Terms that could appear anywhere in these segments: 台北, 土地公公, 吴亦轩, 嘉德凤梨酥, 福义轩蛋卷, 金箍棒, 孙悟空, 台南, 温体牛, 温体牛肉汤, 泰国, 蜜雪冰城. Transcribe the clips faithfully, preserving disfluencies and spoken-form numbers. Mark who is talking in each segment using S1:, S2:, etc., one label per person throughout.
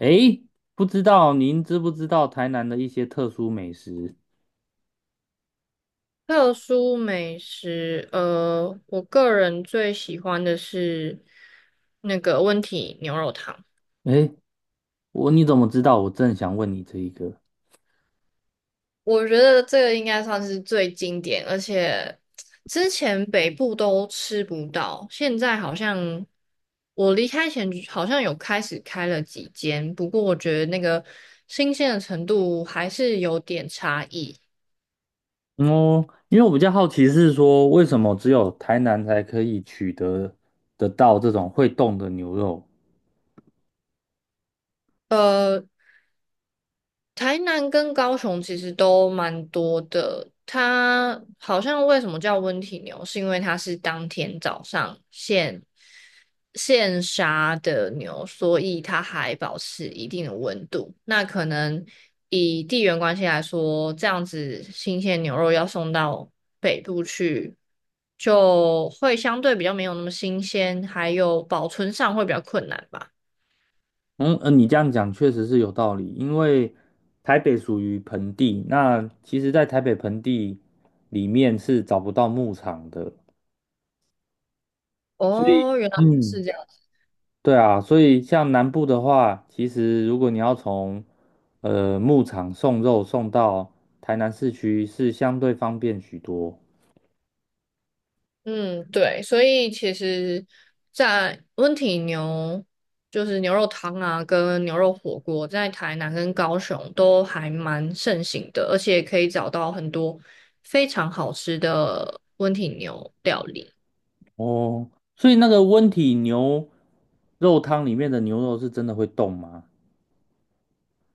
S1: 诶，不知道您知不知道台南的一些特殊美食？
S2: 特殊美食，呃，我个人最喜欢的是那个温体牛肉汤。
S1: 诶，我你怎么知道？我正想问你这一个。
S2: 我觉得这个应该算是最经典，而且之前北部都吃不到，现在好像我离开前好像有开始开了几间，不过我觉得那个新鲜的程度还是有点差异。
S1: 嗯哦，因为我比较好奇是说，为什么只有台南才可以取得得到这种会动的牛肉？
S2: 呃，台南跟高雄其实都蛮多的，它好像为什么叫温体牛，是因为它是当天早上现现杀的牛，所以它还保持一定的温度。那可能以地缘关系来说，这样子新鲜牛肉要送到北部去，就会相对比较没有那么新鲜，还有保存上会比较困难吧。
S1: 嗯，呃，你这样讲确实是有道理，因为台北属于盆地，那其实在台北盆地里面是找不到牧场的，所以
S2: 哦，原来
S1: 嗯，
S2: 是这样。
S1: 对啊，所以像南部的话，其实如果你要从呃牧场送肉送到台南市区，是相对方便许多。
S2: 嗯，对，所以其实，在温体牛就是牛肉汤啊，跟牛肉火锅，在台南跟高雄都还蛮盛行的，而且可以找到很多非常好吃的温体牛料理。
S1: 哦，所以那个温体牛肉汤里面的牛肉是真的会动吗？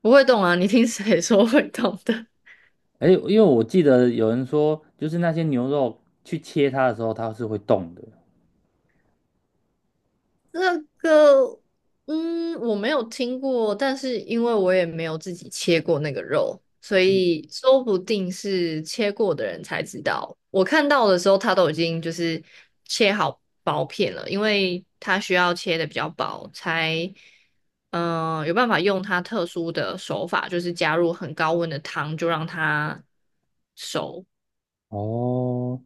S2: 不会动啊，你听谁说会动的？
S1: 哎，因为我记得有人说，就是那些牛肉去切它的时候，它是会动的。
S2: 这个，嗯，我没有听过，但是因为我也没有自己切过那个肉，所以说不定是切过的人才知道。我看到的时候，它都已经就是切好薄片了，因为它需要切的比较薄，才嗯、呃有办法用它特殊的手法，就是加入很高温的汤，就让它熟。
S1: 哦，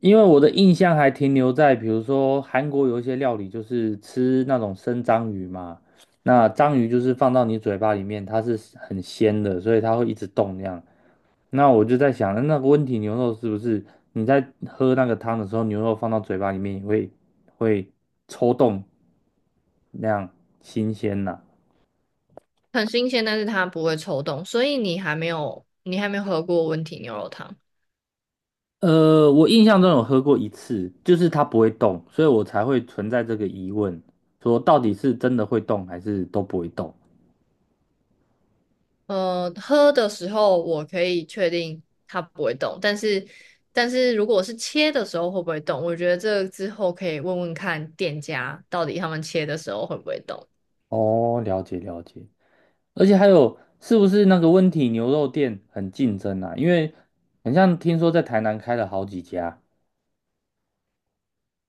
S1: 因为我的印象还停留在，比如说韩国有一些料理就是吃那种生章鱼嘛，那章鱼就是放到你嘴巴里面，它是很鲜的，所以它会一直动那样。那我就在想，那个温体牛肉是不是你在喝那个汤的时候，牛肉放到嘴巴里面也会会抽动那样新鲜呐、
S2: 很新鲜，但是它不会抽动，所以你还没有你还没有喝过温体牛肉汤。
S1: 呃，我印象中有喝过一次，就是它不会动，所以我才会存在这个疑问，说到底是真的会动还是都不会动。
S2: 呃，喝的时候我可以确定它不会动，但是但是如果是切的时候会不会动，我觉得这个之后可以问问看店家到底他们切的时候会不会动。
S1: 哦，了解了解，而且还有是不是那个温体牛肉店很竞争啊？因为很像听说在台南开了好几家。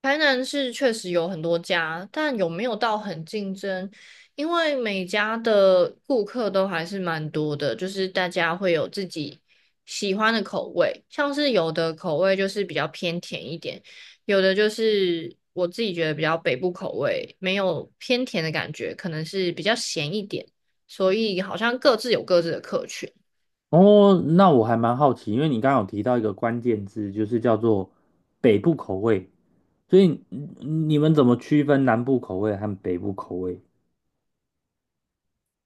S2: 台南是确实有很多家，但有没有到很竞争？因为每家的顾客都还是蛮多的，就是大家会有自己喜欢的口味，像是有的口味就是比较偏甜一点，有的就是我自己觉得比较北部口味，没有偏甜的感觉，可能是比较咸一点，所以好像各自有各自的客群。
S1: 哦，那我还蛮好奇，因为你刚刚有提到一个关键字，就是叫做北部口味，所以嗯你们怎么区分南部口味和北部口味？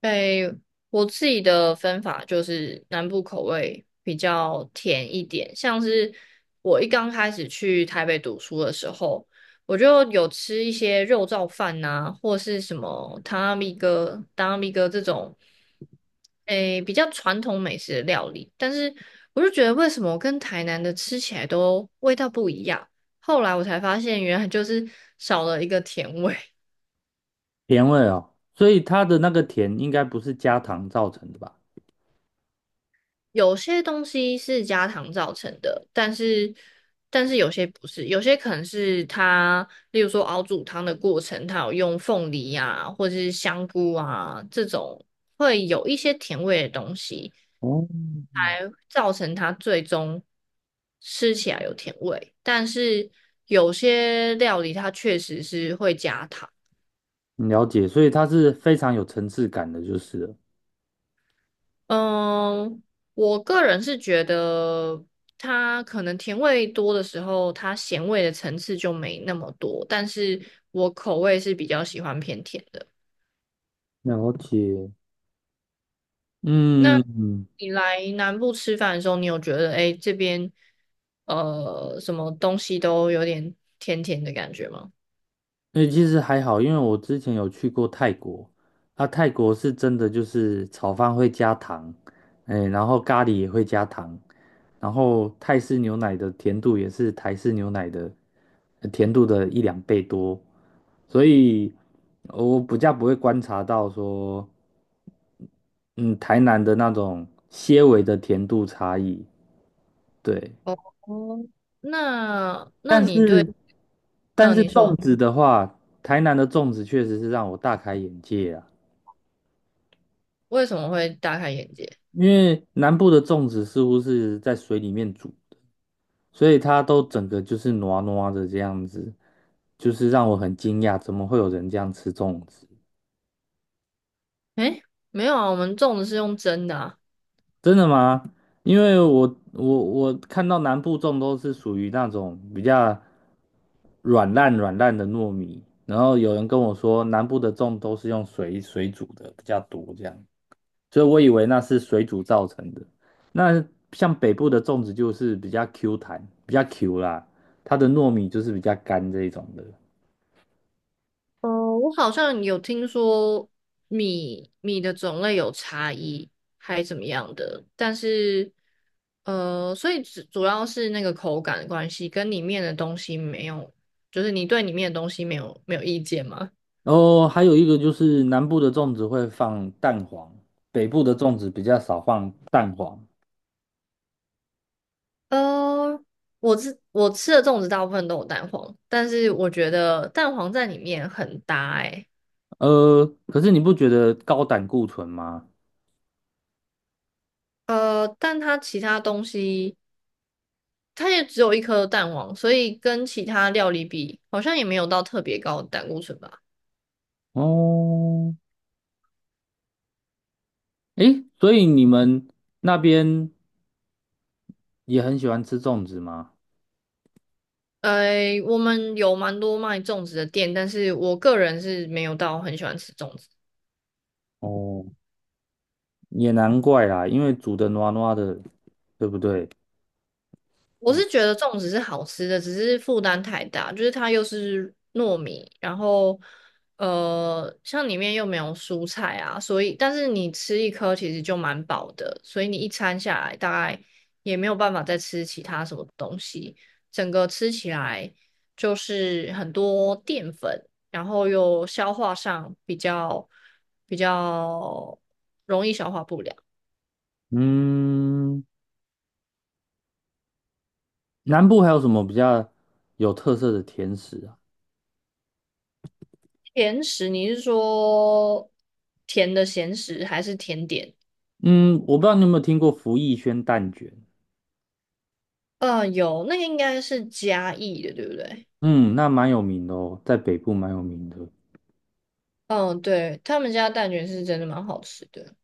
S2: 诶，我自己的分法就是南部口味比较甜一点，像是我一刚开始去台北读书的时候，我就有吃一些肉燥饭呐、或是什么汤阿米哥、汤阿米哥这种，诶，比较传统美食的料理，但是我就觉得为什么跟台南的吃起来都味道不一样，后来我才发现原来就是少了一个甜味。
S1: 甜味哦，所以它的那个甜应该不是加糖造成的吧？
S2: 有些东西是加糖造成的，但是但是有些不是，有些可能是它，例如说熬煮汤的过程，它有用凤梨啊，或者是香菇啊这种会有一些甜味的东西，
S1: 哦，
S2: 来造成它最终吃起来有甜味。但是有些料理它确实是会加糖。
S1: 了解，所以它是非常有层次感的，就是了。
S2: 嗯，我个人是觉得它可能甜味多的时候，它咸味的层次就没那么多，但是我口味是比较喜欢偏甜的。
S1: 了解，
S2: 那
S1: 嗯。
S2: 你来南部吃饭的时候，你有觉得哎诶这边呃什么东西都有点甜甜的感觉吗？
S1: 那其实还好，因为我之前有去过泰国，啊，泰国是真的就是炒饭会加糖，哎，然后咖喱也会加糖，然后泰式牛奶的甜度也是台式牛奶的呃甜度的一两倍多，所以呃我比较不会观察到说，嗯，台南的那种些微的甜度差异，对，
S2: 哦，那那
S1: 但
S2: 你对，
S1: 是但
S2: 嗯、
S1: 是
S2: 你
S1: 粽
S2: 说
S1: 子的话，台南的粽子确实是让我大开眼界啊。
S2: 为什么会大开眼界？
S1: 因为南部的粽子似乎是在水里面煮，所以它都整个就是糯糯的这样子，就是让我很惊讶，怎么会有人这样吃粽子？
S2: 哎，没有啊，我们粽子是用蒸的啊。
S1: 真的吗？因为我我我看到南部粽都是属于那种比较软烂软烂的糯米，然后有人跟我说南部的粽都是用水水煮的比较多这样。所以我以为那是水煮造成的。那像北部的粽子就是比较 Q 弹，比较 Q 啦，它的糯米就是比较干这一种的。
S2: 哦，我好像有听说米米的种类有差异，还怎么样的，但是呃，所以主主要是那个口感的关系，跟里面的东西没有，就是你对里面的东西没有没有意见吗？
S1: 然后还有一个就是南部的粽子会放蛋黄，北部的粽子比较少放蛋黄。
S2: 呃，我吃我吃的粽子大部分都有蛋黄，但是我觉得蛋黄在里面很搭欸。
S1: 呃，可是你不觉得高胆固醇吗？
S2: 呃，但它其他东西。它也只有一颗蛋黄，所以跟其他料理比，好像也没有到特别高的胆固醇吧。
S1: 哦，诶，所以你们那边也很喜欢吃粽子吗？
S2: 呃，我们有蛮多卖粽子的店，但是我个人是没有到很喜欢吃粽子。
S1: 哦，也难怪啦，因为煮的糯糯的，对不对？
S2: 我是觉得粽子是好吃的，只是负担太大，就是它又是糯米，然后呃，像里面又没有蔬菜啊，所以但是你吃一颗其实就蛮饱的，所以你一餐下来大概也没有办法再吃其他什么东西，整个吃起来就是很多淀粉，然后又消化上比较比较容易消化不良。
S1: 嗯，南部还有什么比较有特色的甜食啊？
S2: 甜食，你是说甜的咸食还是甜点？
S1: 嗯，我不知道你有没有听过福义轩蛋卷，
S2: 嗯，有，那个应该是嘉义的，对不对？
S1: 嗯，那蛮有名的哦，在北部蛮有名的。
S2: 嗯，对，他们家蛋卷是真的蛮好吃的。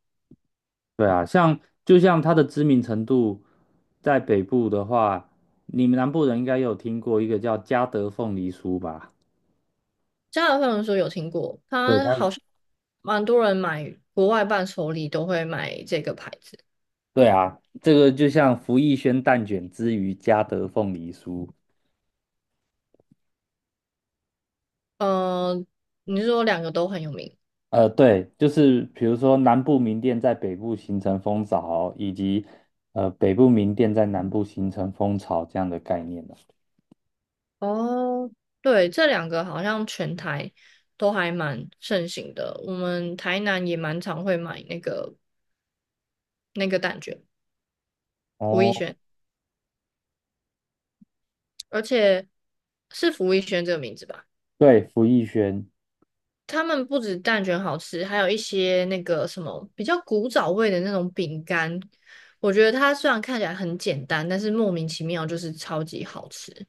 S1: 对啊，像就像它的知名程度，在北部的话，你们南部人应该有听过一个叫嘉德凤梨酥吧？
S2: 加拿大朋友说有听过，
S1: 对，
S2: 他
S1: 它
S2: 好像蛮多人买国外伴手礼都会买这个牌子。
S1: 对啊，这个就像福义轩蛋卷之于嘉德凤梨酥，
S2: 嗯，你是说两个都很有名？
S1: 呃，对，就是比如说南部民店在北部形成风潮，以及呃北部民店在南部形成风潮这样的概念呢。
S2: 哦，对，这两个好像全台都还蛮盛行的。我们台南也蛮常会买那个那个蛋卷，吴亦
S1: 哦，
S2: 轩。而且是福一轩这个名字吧？
S1: 对，福艺轩
S2: 他们不止蛋卷好吃，还有一些那个什么比较古早味的那种饼干。我觉得它虽然看起来很简单，但是莫名其妙就是超级好吃。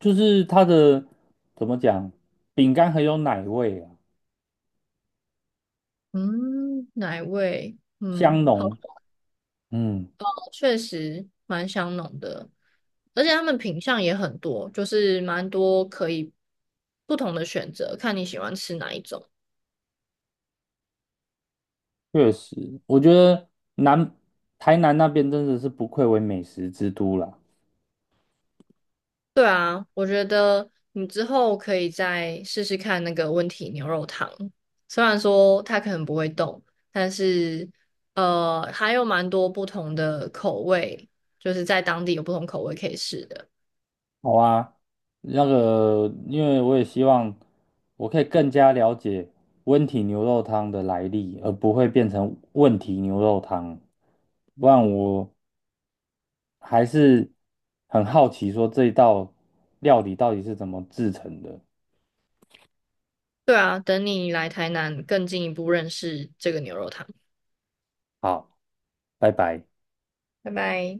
S1: 就是它的怎么讲，饼干很有奶味啊，
S2: 嗯，奶味，嗯，
S1: 香
S2: 好
S1: 浓。
S2: 像
S1: 嗯，
S2: 确实蛮香浓的，而且他们品相也很多，就是蛮多可以不同的选择，看你喜欢吃哪一种。
S1: 确实，我觉得南台南那边真的是不愧为美食之都啦。
S2: 对啊，我觉得你之后可以再试试看那个温体牛肉汤，虽然说它可能不会动，但是呃，还有蛮多不同的口味，就是在当地有不同口味可以试的。
S1: 好啊，那个，因为我也希望我可以更加了解温体牛肉汤的来历，而不会变成问题牛肉汤。不然我还是很好奇，说这一道料理到底是怎么制成的。
S2: 对啊，等你来台南更进一步认识这个牛肉汤。
S1: 好，拜拜。
S2: 拜拜。